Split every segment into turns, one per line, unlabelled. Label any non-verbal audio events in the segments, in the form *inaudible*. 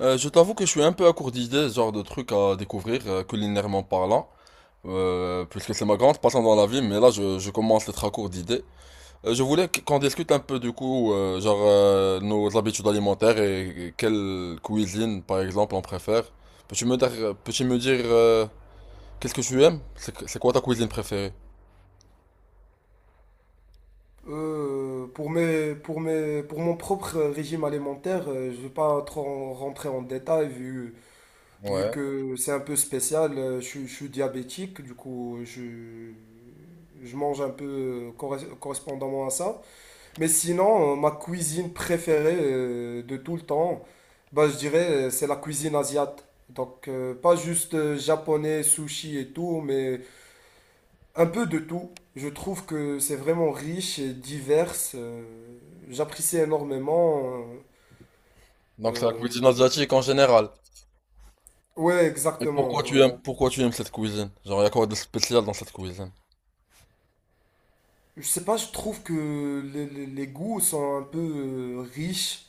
Je t'avoue que je suis un peu à court d'idées, genre de trucs à découvrir, culinairement parlant, puisque c'est ma grande passion dans la vie, mais là je commence à être à court d'idées. Je voulais qu'on discute un peu du coup, nos habitudes alimentaires et quelle cuisine par exemple on préfère. Peux-tu me dire qu'est-ce que tu aimes? C'est quoi ta cuisine préférée?
Pour mes, pour mes, pour mon propre régime alimentaire, je ne vais pas trop rentrer en détail vu, vu
Ouais.
que c'est un peu spécial. Je suis diabétique, du coup, je mange un peu correspondamment à ça. Mais sinon, ma cuisine préférée de tout le temps, je dirais, c'est la cuisine asiatique. Donc, pas juste japonais, sushi et tout, mais un peu de tout. Je trouve que c'est vraiment riche et divers. J'apprécie énormément. euh,
Donc c'est la cuisine
euh,
asiatique en général.
ouais,
Et
exactement.
pourquoi tu aimes cette cuisine? Genre y a quoi de spécial dans cette cuisine?
Je sais pas, je trouve que les goûts sont un peu riches.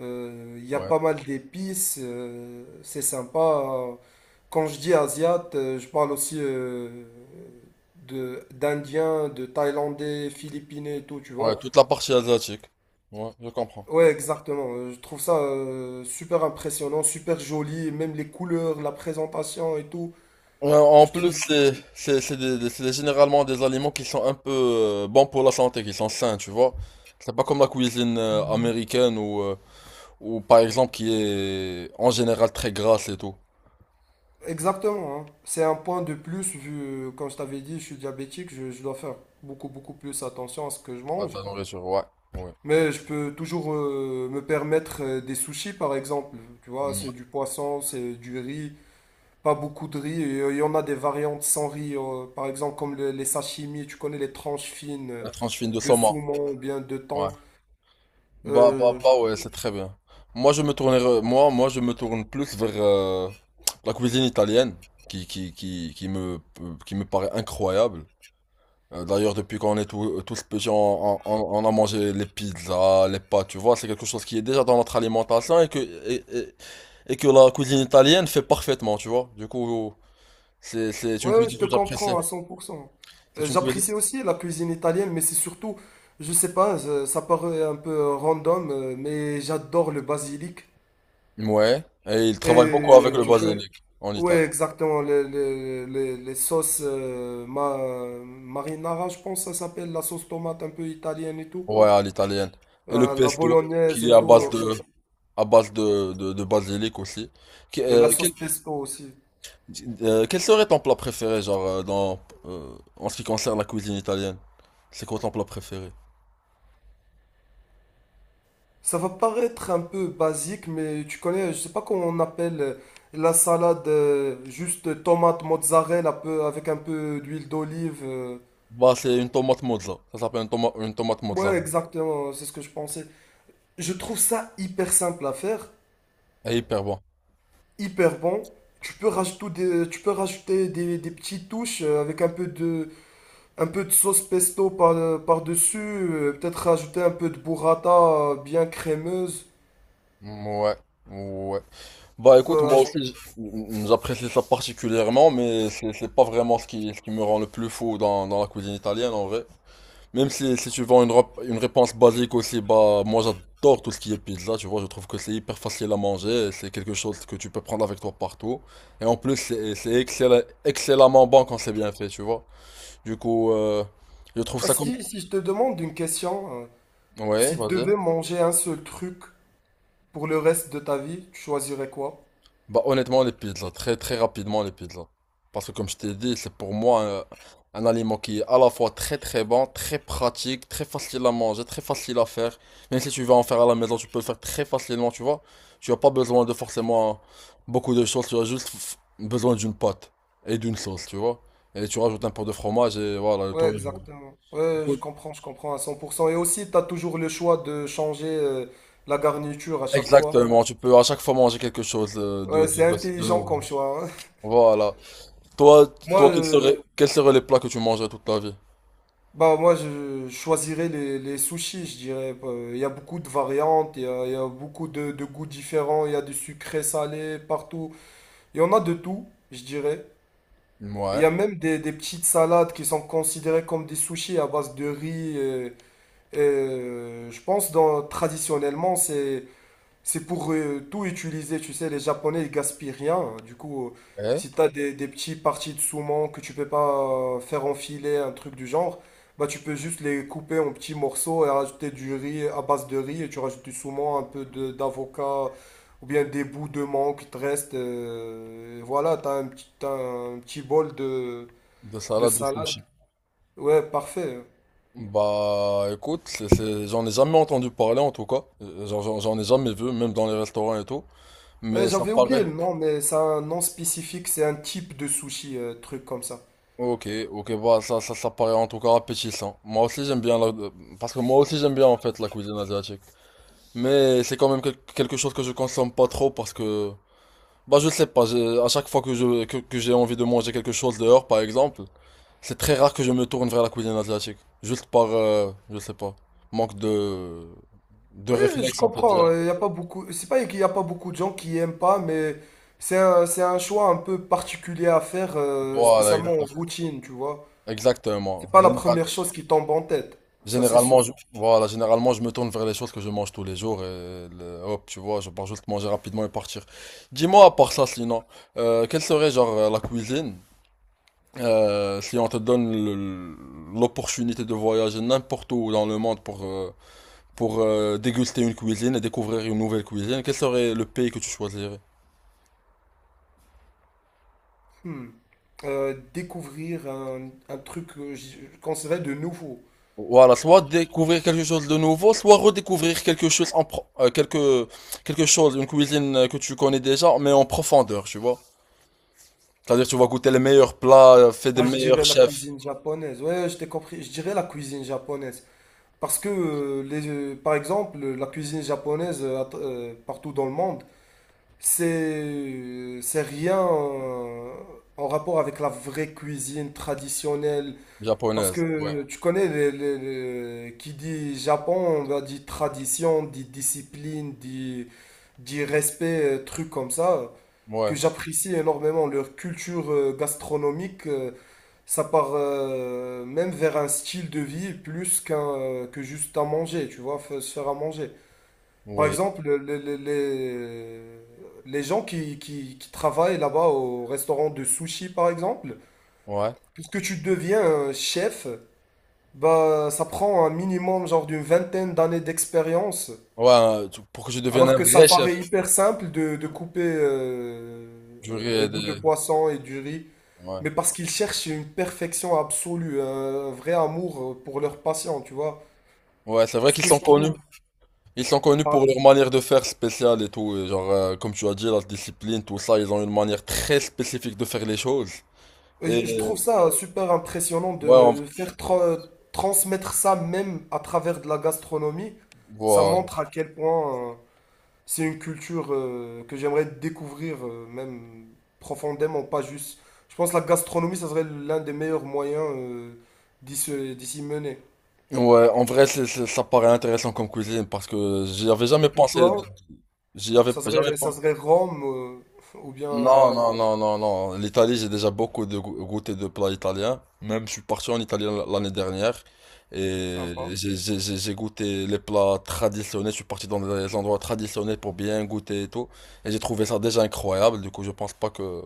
Il y a pas mal d'épices. C'est sympa. Quand je dis asiate, je parle aussi d'Indiens, de Thaïlandais, Philippinais et tout, tu
Ouais,
vois.
toute la partie asiatique. Ouais, je comprends.
Ouais, exactement. Je trouve ça super impressionnant, super joli, et même les couleurs, la présentation et tout.
Ouais, en
Je
plus,
trouve
c'est généralement des aliments qui sont un peu bons pour la santé, qui sont sains, tu vois. C'est pas comme la cuisine américaine ou par exemple qui est en général très grasse et tout.
exactement. Hein, c'est un point de plus vu, comme je t'avais dit, je suis diabétique, je dois faire beaucoup, beaucoup plus attention à ce que je
Ah,
mange.
ta nourriture, ouais. Ouais.
Mais je peux toujours me permettre des sushis, par exemple. Tu vois, c'est
Ouais.
du poisson, c'est du riz, pas beaucoup de riz. Et, il y en a des variantes sans riz, par exemple comme les sashimi, tu connais les tranches fines
La tranche fine de
de
saumon.
saumon ou bien de
Ouais.
thon. Euh,
Ouais, c'est très bien. Moi, je me tourne plus vers la cuisine italienne, qui me paraît incroyable. D'ailleurs, depuis qu'on est tous tous petits, on a mangé les pizzas, les pâtes, tu vois, c'est quelque chose qui est déjà dans notre alimentation et que la cuisine italienne fait parfaitement, tu vois. Du coup, c'est une
Ouais, ouais,
cuisine
je te
que j'apprécie.
comprends à 100%.
C'est une cuisine.
J'apprécie aussi la cuisine italienne, mais c'est surtout, je sais pas, ça paraît un peu random, mais j'adore le basilic.
Ouais, et ils travaillent beaucoup avec
Et
le
tu connais,
basilic en
ouais,
Italie.
exactement, les sauces marinara, je pense que ça s'appelle, la sauce tomate un peu italienne et tout,
Ouais, à l'italienne. Et le
La
pesto,
bolognaise
qui est
et
à base
tout,
de, à base de basilic aussi. Que-
et
euh,
la sauce
quel,
pesto aussi.
quel serait ton plat préféré, en ce qui concerne la cuisine italienne? C'est quoi ton plat préféré?
Ça va paraître un peu basique, mais tu connais, je sais pas comment on appelle la salade, juste tomate mozzarella un peu, avec un peu d'huile d'olive.
Bah, c'est une tomate mozza. Ça s'appelle une tomate mozza.
Ouais, exactement, c'est ce que je pensais. Je trouve ça hyper simple à faire,
Elle est hyper bon.
hyper bon. Tu peux rajouter des petites touches avec un peu de sauce pesto par-dessus, peut-être rajouter un peu de burrata bien crémeuse.
Ouais, ouais. Bah, écoute,
Euh,
moi aussi,
je-
j- m- j'apprécie ça particulièrement, mais c'est pas vraiment ce qui me rend le plus fou dans, dans la cuisine italienne, en vrai. Même si, si tu vends une réponse basique aussi, bah, moi j'adore tout ce qui est pizza, tu vois. Je trouve que c'est hyper facile à manger, et c'est quelque chose que tu peux prendre avec toi partout. Et en plus, c'est excellemment bon quand c'est bien fait, tu vois. Du coup, je trouve
ah,
ça comme...
si je te demande une question.
Ouais,
Si tu
vas-y.
devais manger un seul truc pour le reste de ta vie, tu choisirais quoi?
Bah honnêtement les pizzas, très très rapidement les pizzas. Parce que comme je t'ai dit, c'est pour moi un aliment qui est à la fois très très bon, très pratique, très facile à manger, très facile à faire. Même si tu vas en faire à la maison, tu peux le faire très facilement, tu vois. Tu n'as pas besoin de forcément beaucoup de choses, tu as juste besoin d'une pâte et d'une sauce, tu vois. Et tu rajoutes un peu de fromage et voilà, le
Ouais,
tour est joué.
exactement. Ouais,
Cool.
je comprends à 100%. Et aussi, tu as toujours le choix de changer la garniture à chaque fois.
Exactement, tu peux à chaque fois manger quelque chose
Ouais, c'est
de
intelligent
nouveau.
comme choix, hein.
Voilà. Toi,
*laughs* Moi,
toi, quels seraient, quels seraient les plats que tu mangerais toute ta vie?
moi, je choisirais les sushis, je dirais. Il y a beaucoup de variantes, il y a beaucoup de goûts différents, il y a du sucré, salé, partout. Il y en a de tout, je dirais. Il
Ouais,
y a même des petites salades qui sont considérées comme des sushis à base de riz. Je pense traditionnellement, c'est pour tout utiliser. Tu sais, les Japonais, ils gaspillent rien. Du coup,
ouais,
si tu as des petits parties de saumon que tu peux pas faire enfiler, un truc du genre, bah tu peux juste les couper en petits morceaux et rajouter du riz à base de riz et tu rajoutes du saumon, d'avocat ou bien des bouts de mangue qui te restent. Voilà, tu as un petit, t'as un petit bol
de
de
salade de
salade.
sushi.
Ouais, parfait.
Bah écoute, j'en ai jamais entendu parler en tout cas. J'en j'en ai jamais vu, même dans les restaurants et tout.
Ouais,
Mais ça
j'avais oublié
paraît.
le nom, mais c'est un nom spécifique, c'est un type de sushi, truc comme ça.
Ok, ok, bah ça paraît en tout cas appétissant. Moi aussi j'aime bien la... Parce que moi aussi j'aime bien en fait la cuisine asiatique. Mais c'est quand même quelque chose que je consomme pas trop parce que... Bah je sais pas, à chaque fois que j'ai envie de manger quelque chose dehors par exemple, c'est très rare que je me tourne vers la cuisine asiatique. Juste par... je sais pas manque de
Ouais, je
réflexe, en fait,
comprends,
direct.
il y a pas beaucoup, c'est pas qu'il y a pas beaucoup de gens qui aiment pas, mais c'est un choix un peu particulier à faire,
Voilà,
spécialement en
exactement.
routine, tu vois.
Exactement.
C'est pas la première chose qui tombe en tête, ça c'est sûr.
Généralement, généralement, je me tourne vers les choses que je mange tous les jours et hop, tu vois, je pars juste manger rapidement et partir. Dis-moi, à part ça, sinon, quelle serait, genre, la cuisine, si on te donne l'opportunité de voyager n'importe où dans le monde pour, déguster une cuisine et découvrir une nouvelle cuisine, quel serait le pays que tu choisirais?
Hmm. Découvrir un truc que je qu'on de nouveau.
Voilà, soit découvrir quelque chose de nouveau, soit redécouvrir quelque chose en pro- quelque quelque chose, une cuisine que tu connais déjà, mais en profondeur, tu vois. C'est-à-dire tu vas goûter les meilleurs plats faits des
Ah, je
meilleurs
dirais la
chefs
cuisine japonaise. Ouais, je t'ai compris. Je dirais la cuisine japonaise. Parce que, par exemple, la cuisine japonaise partout dans le monde, c'est c'est rien en rapport avec la vraie cuisine traditionnelle. Parce
japonaises. Ouais,
que tu connais, qui dit Japon, on va dit tradition, dit discipline, dit respect, trucs comme ça, que
ouais,
j'apprécie énormément. Leur culture gastronomique, ça part même vers un style de vie plus qu'un que juste à manger, tu vois, se faire à manger. Par
oui,
exemple, les gens qui travaillent là-bas au restaurant de sushi, par exemple,
ouais,
pour que tu deviens un chef, bah, ça prend un minimum genre d'une vingtaine d'années d'expérience,
ouais. Pour que je devienne
alors
un
que ça
vrai chef,
paraît hyper simple de couper des
j'aurais
bouts de
des-
poisson et du riz.
Ouais,
Mais parce qu'ils cherchent une perfection absolue, un vrai amour pour leurs patients, tu vois.
ouais, c'est vrai
Ce
qu'ils
que
sont
je
connus.
trouve,
Ils sont connus pour
par-
leur manière de faire spéciale et tout. Et genre, comme tu as dit, la discipline, tout ça, ils ont une manière très spécifique de faire les choses.
Je
Et
trouve ça super impressionnant
ouais, on-
de transmettre ça même à travers de la gastronomie. Ça
voilà.
montre à quel point c'est une culture que j'aimerais découvrir même profondément, pas juste. Je pense que la gastronomie, ça serait l'un des meilleurs moyens d'y s'y mener.
Ouais, en vrai, ça paraît intéressant comme cuisine parce que j'y avais
Et
jamais
pour
pensé.
toi,
J'y avais pas- jamais
ça
pensé.
serait Rome *laughs* ou bien...
Non, non, non, non, non. L'Italie, j'ai déjà beaucoup de goûté de plats italiens. Même, je suis parti en Italie l'année dernière et
Sympa.
j'ai goûté les plats traditionnels. Je suis parti dans des endroits traditionnels pour bien goûter et tout. Et j'ai trouvé ça déjà incroyable. Du coup, je pense pas que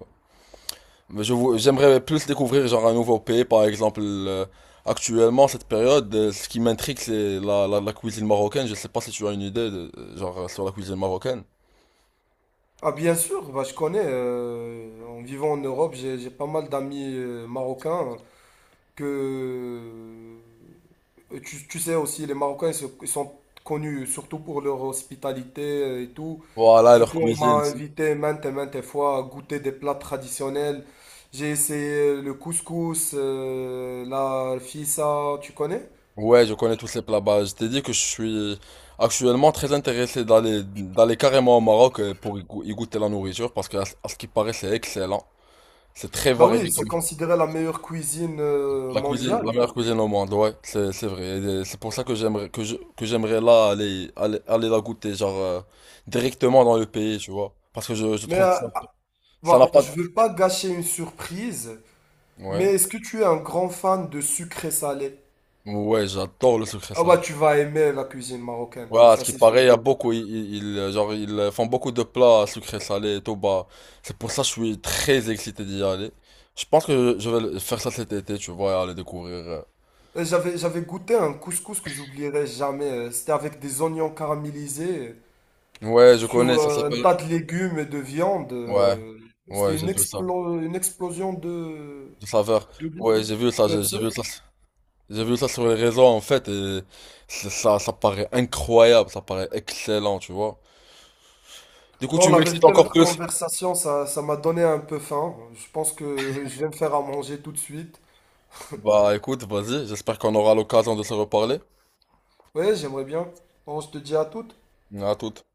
mais j'aimerais plus découvrir genre un nouveau pays, par exemple. Actuellement, cette période, ce qui m'intrigue, c'est la cuisine marocaine. Je sais pas si tu as une idée de, sur la cuisine marocaine.
Ah bien sûr, bah, je connais. En vivant en Europe, j'ai pas mal d'amis marocains que tu, tu sais aussi, les Marocains ils sont connus surtout pour leur hospitalité et tout.
Voilà,
Du
leur
coup, on m'a
cuisine. Si.
invité maintes et maintes fois à goûter des plats traditionnels. J'ai essayé le couscous, la fissa, tu connais?
Ouais, je connais tous ces plats. Bah, je t'ai dit que je suis actuellement très intéressé d'aller carrément au Maroc pour y goûter la nourriture parce que ce à ce qui paraît, c'est excellent. C'est très
Bah
varié.
oui, c'est considéré la meilleure cuisine
La cuisine, la
mondiale.
meilleure cuisine au monde, ouais, c'est vrai. Et c'est pour ça que j'aimerais là aller la goûter genre directement dans le pays, tu vois. Parce que je
Mais
trouve
euh,
que ça
ah,
ça n'a
Bah,
pas de-
je veux pas gâcher une surprise.
ouais.
Mais est-ce que tu es un grand fan de sucré salé?
Ouais, j'adore le sucré
Ah
salé.
bah tu vas aimer la cuisine marocaine,
Ouais, à ce
ça
qui
c'est
paraît,
sûr.
il y a beaucoup ils font beaucoup de plats sucré salé et tout, bah c'est pour ça que je suis très excité d'y aller. Je pense que je vais faire ça cet été, tu vois, et aller découvrir.
J'avais goûté un couscous que j'oublierai jamais. C'était avec des oignons caramélisés euh,
Ouais, je
sur
connais, ça
euh, un
s'appelle.
tas de légumes et de viande.
Ouais.
euh, C'était
Ouais, j'ai
une
vu ça.
explo- une explosion
De saveur.
de goût.
Ouais, j'ai vu ça,
Ouais,
j'ai
ça-
vu ça. J'ai vu ça sur les réseaux en fait et ça paraît incroyable, ça paraît excellent, tu vois. Du coup,
Bon,
tu
la
m'excites
vérité,
encore
notre
plus.
conversation, ça m'a donné un peu faim. Je pense que je vais me faire à manger tout de suite.
Bah écoute, vas-y, j'espère qu'on aura l'occasion de se reparler.
Ouais, j'aimerais bien. Bon, je te dis à toutes.
À toute.